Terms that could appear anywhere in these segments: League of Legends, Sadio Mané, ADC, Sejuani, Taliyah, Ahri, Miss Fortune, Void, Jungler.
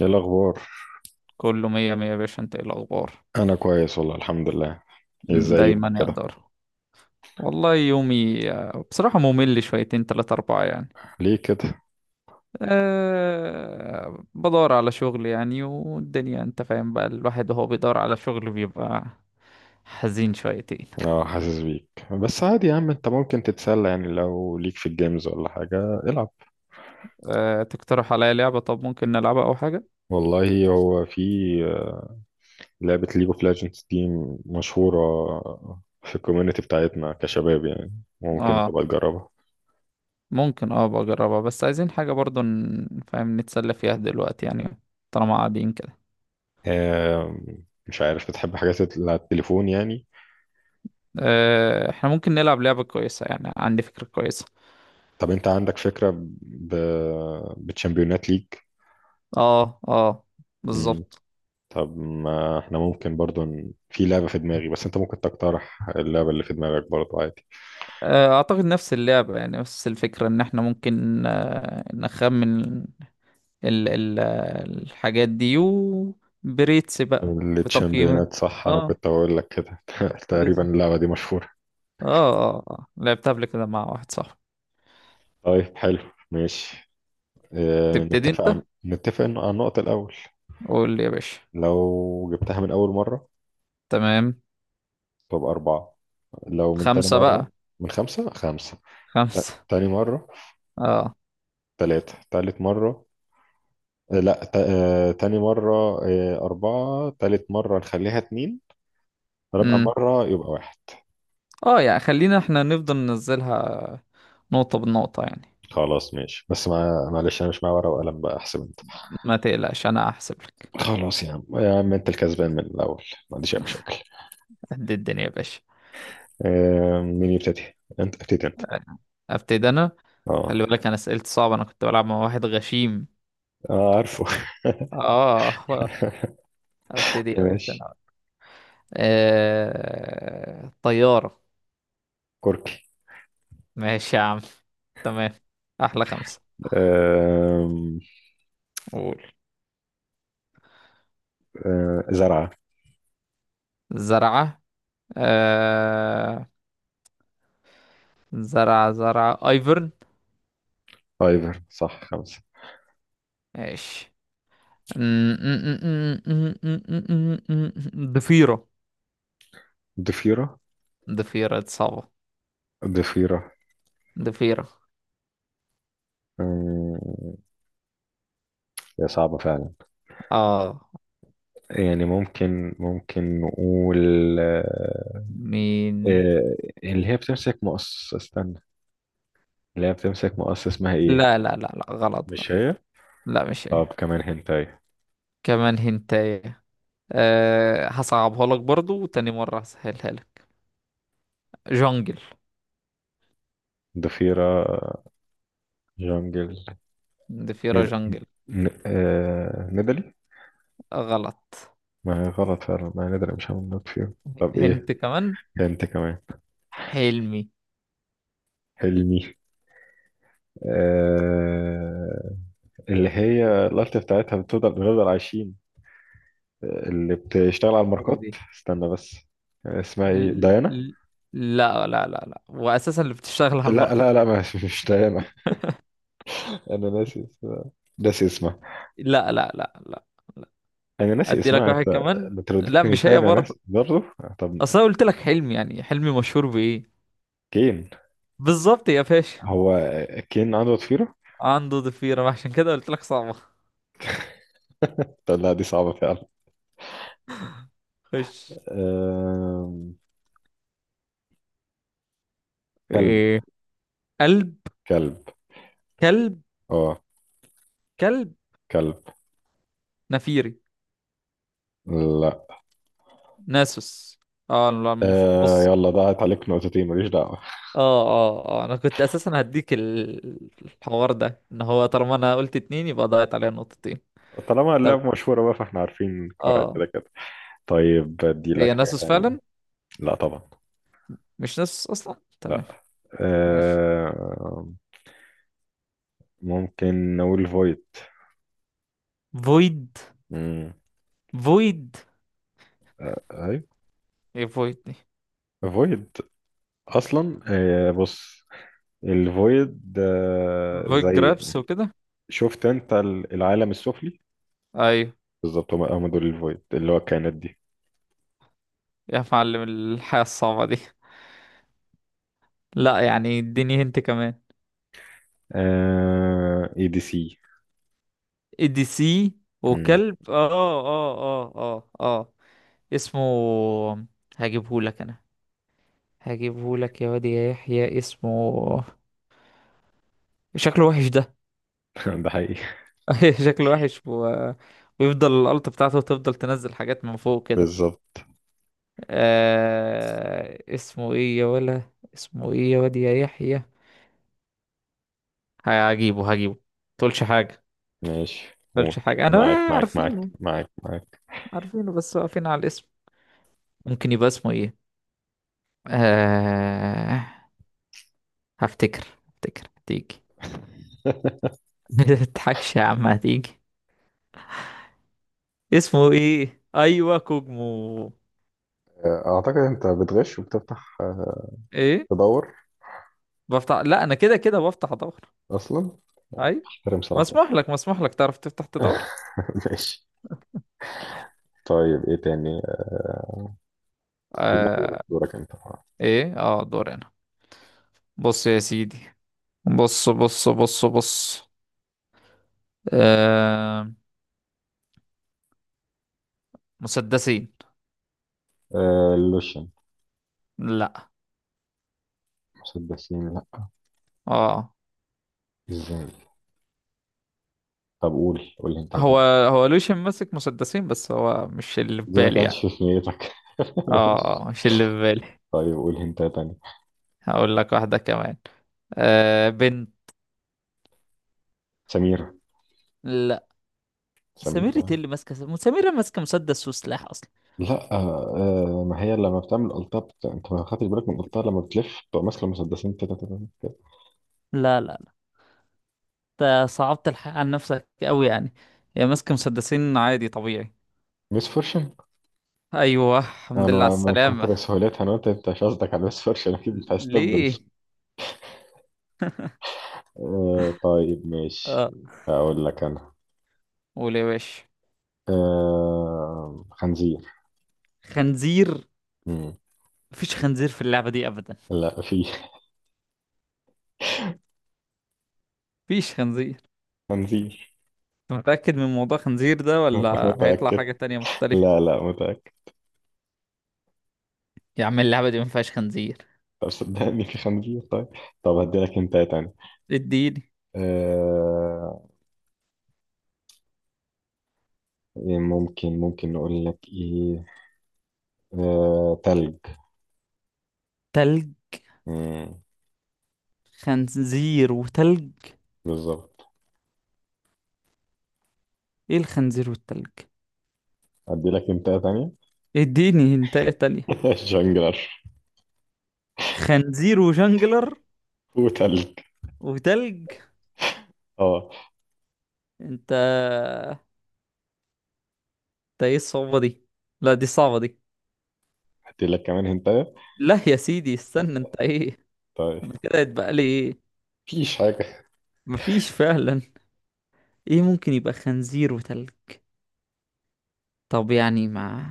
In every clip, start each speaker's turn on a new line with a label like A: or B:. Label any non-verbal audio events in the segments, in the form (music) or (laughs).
A: ايه الاخبار؟
B: كله مية مية يا باشا، انت ايه الاخبار؟
A: انا كويس والله الحمد لله. إيه، ازاي يومك
B: دايما
A: كده؟
B: يقدر. والله يومي بصراحة ممل شويتين تلاتة أربعة يعني.
A: ليه كده؟
B: بدور على شغل يعني، والدنيا انت فاهم بقى، الواحد وهو بيدور على شغل بيبقى حزين شويتين.
A: اه، حاسس بيك، بس عادي يا عم، انت ممكن تتسلى يعني لو ليك في الجيمز ولا حاجه. العب.
B: تقترح عليا لعبة؟ طب ممكن نلعبها أو حاجة.
A: والله هو في لعبه ليج اوف ليجندز دي مشهوره في الكوميونتي بتاعتنا كشباب يعني، ممكن
B: اه
A: تبقى تجربها.
B: ممكن، بجربها، بس عايزين حاجة برضو فاهم، نتسلى فيها دلوقتي يعني، طالما قاعدين كده.
A: مش عارف، بتحب حاجات اللي على التليفون يعني؟
B: احنا ممكن نلعب لعبة كويسة، يعني عندي فكرة كويسة.
A: طب انت عندك فكره؟ ب... بتشامبيونات ليج.
B: اه اه، بالظبط.
A: طب ما احنا ممكن برضو في لعبة في دماغي، بس انت ممكن تقترح اللعبة اللي في دماغك برضو عادي.
B: اعتقد نفس اللعبة، يعني نفس الفكرة ان احنا ممكن نخمن ال ال الحاجات دي، وبريتس بقى بتقييمات.
A: التشامبيونات صح، انا
B: اه،
A: كنت بقول لك كده (laughs) تقريبا
B: بالظبط.
A: اللعبة دي مشهورة.
B: اه اه لعبتها قبل كده مع واحد صاحبي.
A: طيب حلو. ماشي. اه،
B: تبتدي انت،
A: نتفق عن النقطة الأول.
B: قول لي يا باشا.
A: لو جبتها من أول مرة
B: تمام.
A: تبقى أربعة. لو من تاني
B: خمسة
A: مرة،
B: بقى.
A: من خمسة خمسة.
B: خمسة.
A: تاني مرة.
B: اه.
A: تلاتة تالت مرة. لا، ت... آه، تاني مرة. أربعة تالت مرة نخليها اتنين. رابع
B: امم.
A: مرة يبقى واحد.
B: اه يعني خلينا احنا نفضل ننزلها نقطة بنقطة يعني.
A: خلاص ماشي، بس ما معلش انا مش معايا ورقه وقلم بقى، احسب انت.
B: ما تقلقش انا هحسب لك.
A: خلاص يا عم يا عم، انت الكسبان من الاول، ما عنديش اي مشاكل.
B: قد الدنيا يا باشا.
A: مين يبتدي؟ انت ابتدي انت.
B: ابتدي انا. خلي
A: اه.
B: بالك انا اسئلتي صعبه، انا كنت بلعب مع واحد غشيم.
A: آه، عارفه.
B: اه (laughs) ابتدي
A: (laughs)
B: يا باشا
A: ماشي.
B: أنا. طياره.
A: كركي.
B: ماشي يا عم. تمام. احلى خمسه.
A: آه.
B: قول.
A: زرعه.
B: زرعه. آه... زرعه ايفرن.
A: ايفر صح، خمسه.
B: ماشي (laughs) ضفيره.
A: ضفيره.
B: ضفيره دي صعبه.
A: ضفيره.
B: ضفيره.
A: آه. هي صعبه فعلا.
B: اه
A: يعني ممكن نقول. آه.
B: مين.
A: آه. اللي هي بتمسك مقص، استنى، اللي هي بتمسك مقص، اسمها ايه؟
B: لا لا لا لا، غلط
A: مش
B: غلط.
A: هي.
B: لا مش هي.
A: طب كمان هنتاي.
B: كمان هنتايه. هصعبها لك برضو، وتاني مرة هسهلها لك. جونجل.
A: ضفيرة جونجل.
B: ضفيرة
A: ند...
B: جونجل.
A: ندلي.
B: غلط.
A: ما هي غلط فعلا، ما هي ندلي، مش هعمل نوت فيهم. طب ايه؟
B: هنت كمان.
A: هنت كمان.
B: حلمي.
A: حلمي. آه... اللي هي الألت بتاعتها بنفضل عايشين، اللي بتشتغل على
B: هي
A: الماركات.
B: دي.
A: استنى بس، اسمها ايه؟
B: ل-
A: ديانا.
B: ل- لا لا لا لا، وأساسا اللي بتشتغل على
A: لا
B: الماركات
A: لا
B: مش
A: لا،
B: دي.
A: ما مش ديانا. (laughs) انا ناسي اسمها، ناسي اسمها.
B: لا لا لا لا لا.
A: انا ناسي
B: أدي لك
A: اسمها انت.
B: واحد
A: بترددني
B: كمان،
A: انت، لو
B: لا
A: اديتني
B: مش
A: انتهى
B: هي
A: انا
B: برضه.
A: ناسي برضه. طب
B: أصل أنا قلت لك حلمي، يعني حلمي مشهور بإيه؟
A: كين.
B: بالظبط يا باشا.
A: هو كين عنده ضفيرة؟
B: عنده ضفيرة، ما عشان كده قلت لك صعبة.
A: طب لا، دي صعبة فعلا.
B: خش.
A: أم... كلب.
B: إيه. قلب.
A: كلب.
B: كلب.
A: اه.
B: كلب.
A: كلب.
B: نفيري.
A: لا.
B: ناسوس. اه لا،
A: أه،
B: بص.
A: يلا ضاعت عليك نقطتين، ماليش دعوة.
B: اه اه اه، انا كنت اساسا هديك الحوار ده، ان هو طالما انا قلت اتنين يبقى ضاعت عليا نقطتين.
A: طالما
B: طب
A: اللعبة مشهورة بقى فاحنا عارفين قواعد
B: اه.
A: كده كده. طيب، ادي لك
B: هي
A: حاجة
B: ناسوس
A: تانية.
B: فعلا؟
A: لا طبعا.
B: مش ناسوس اصلا، تمام.
A: لا.
B: ماشي.
A: أه... ممكن نقول فويد.
B: فويد.
A: مم.
B: فويد.
A: ايوه،
B: ايه فويد دي؟
A: فويد. اصلا بص، الفويد
B: فويد
A: زي،
B: جرابس وكده.
A: شفت انت، العالم السفلي.
B: ايوه.
A: بالظبط، هم دول الفويد، اللي هو الكائنات دي.
B: يا معلم الحياة الصعبة دي. لا يعني اديني هنت كمان.
A: اي دي سي.
B: اي دي سي.
A: مم.
B: وكلب اسمه، هجيبهولك انا، هجيبهولك يا واد يا يحيى اسمه. شكله وحش ده.
A: (laughs) ده حقيقي.
B: (laughs) شكله وحش و... ويفضل الألت بتاعته تفضل تنزل حاجات من فوق كده.
A: بالظبط.
B: اسمه ايه يا ولا؟ اسمه ايه يا واد يا يحيى؟ هجيبه. تقولش حاجة.
A: ماشي قول.
B: تقولش حاجة انا.
A: معاك معاك معاك
B: عارفينه.
A: معاك معاك.
B: عارفينه بس واقفين على الاسم. ممكن يبقى اسمه ايه؟ آه... هفتكر هتيجي.
A: (laughs)
B: (laughs) متضحكش يا عم، هتيجي. اسمه ايه؟ ايوه، كوجمو.
A: اعتقد انت بتغش وبتفتح،
B: ايه؟
A: تدور
B: بفتح؟ لا انا كده كده بفتح ادور.
A: اصلا.
B: اي.
A: احترم صراحتك.
B: مسموح لك مسموح لك، تعرف تفتح تدور.
A: (laughs) ماشي. طيب ايه تاني؟ لا،
B: آه...
A: دورك انت.
B: ايه، دور هنا. بص يا سيدي. بص بص بص بص. آه... مسدسين.
A: اللوشن.
B: لا.
A: مسدسين؟ لا.
B: اه
A: ازاي؟ طب قول انت
B: هو
A: تاني.
B: هو لوشن ماسك مسدسين، بس هو مش اللي في
A: دي ما
B: بالي
A: كانتش
B: يعني.
A: في نيتك (laughs)
B: اه،
A: ماشي.
B: مش اللي في بالي.
A: طيب قول انت تاني.
B: هقول لك واحدة كمان. بنت.
A: سميرة.
B: لا. سميرة
A: سميرة.
B: إيه اللي ماسكة؟ سميرة ماسكة مسدس وسلاح اصلا.
A: لا، ما هي لما بتعمل قلطة، انت ما خدتش بالك من القلطة، لما بتلف بتبقى ماسكة المسدسين كده كده كده.
B: لا لا. انت صعبت الحق عن نفسك قوي يعني. يا ماسك مسدسين عادي طبيعي.
A: ميس فورشن.
B: ايوه، الحمد لله على
A: انا من
B: السلامة.
A: كتر سهولتها انا قلت انت مش قصدك على ميس فورشن اكيد، انت عايز تبدل.
B: ليه؟
A: آه طيب ماشي.
B: اه
A: اقول لك انا.
B: قول يا باشا.
A: خنزير.
B: خنزير.
A: مم.
B: مفيش خنزير في اللعبة دي ابدا.
A: لا، في.
B: مفيش خنزير.
A: (laughs) خنزير.
B: انت متأكد من موضوع خنزير ده؟
A: (laughs)
B: ولا هيطلع
A: متأكد.
B: حاجة تانية
A: لا
B: مختلفة؟
A: لا متأكد.
B: يا عم اللعبة دي مفيهاش خنزير.
A: طب صدقني، في خنزير، طيب. طب هديلك انت تاني.
B: اديني.
A: آه. إيه، ممكن نقول لك ايه؟ تلج.
B: تلج.
A: مم.
B: خنزير وتلج.
A: بالظبط.
B: ايه الخنزير والتلج؟
A: ادي لك هنتايه تانية.
B: اديني انت تانية.
A: (laughs) جونجلر.
B: خنزير وجنجلر.
A: وتلج.
B: وتلج.
A: اه.
B: انت. ده ايه الصعوبة دي؟ لا دي صعبة دي.
A: ادي لك كمان هنتايه.
B: لا يا سيدي، استنى. انت ايه؟
A: طيب.
B: انا كده يتبقى لي ايه؟
A: مفيش حاجة.
B: مفيش فعلا. ايه؟ ممكن يبقى خنزير وتلج. طب يعني ما.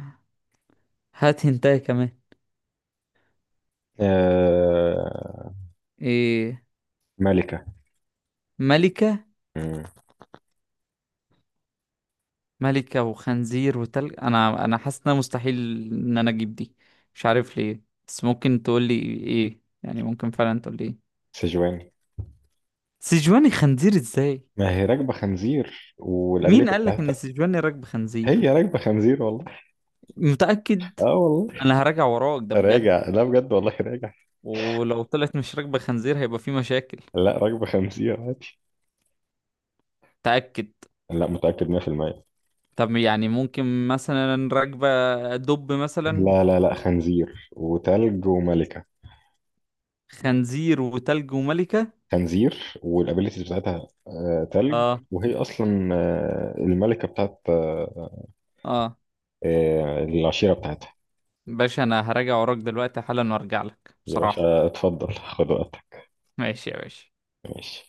B: هات هنتايه كمان.
A: آه...
B: ايه؟
A: ملكة.
B: ملكة.
A: مم.
B: ملكة وخنزير وتلج. انا حاسس انها مستحيل ان انا اجيب دي. مش عارف ليه. بس ممكن تقول لي ايه؟ يعني ممكن فعلا تقول لي ايه؟
A: سجوان.
B: سيجواني خنزير ازاي؟
A: ما هي راكبة خنزير،
B: مين
A: والابيليتي
B: قالك ان
A: بتاعتها.
B: سيجواني راكب خنزير؟
A: هي راكبة خنزير والله.
B: متأكد.
A: اه والله.
B: انا هراجع وراك ده بجد.
A: راجع، لا بجد والله راجع.
B: ولو طلعت مش راكبة خنزير، هيبقى في مشاكل.
A: لا، راكبة خنزير عادي.
B: تأكد.
A: لا، متأكد 100%.
B: طب يعني ممكن مثلا راكبة دب مثلا.
A: لا لا لا، خنزير وتلج وملكة.
B: خنزير وتلج وملكة.
A: خنزير، والابيلتيز بتاعتها تلج.
B: اه
A: وهي اصلا الملكه بتاعت
B: اه.
A: العشيره بتاعتها.
B: باشا انا هراجع وراك دلوقتي حالا، وارجع لك
A: يا
B: بصراحة.
A: باشا اتفضل، خد وقتك.
B: ماشي يا باشا.
A: ماشي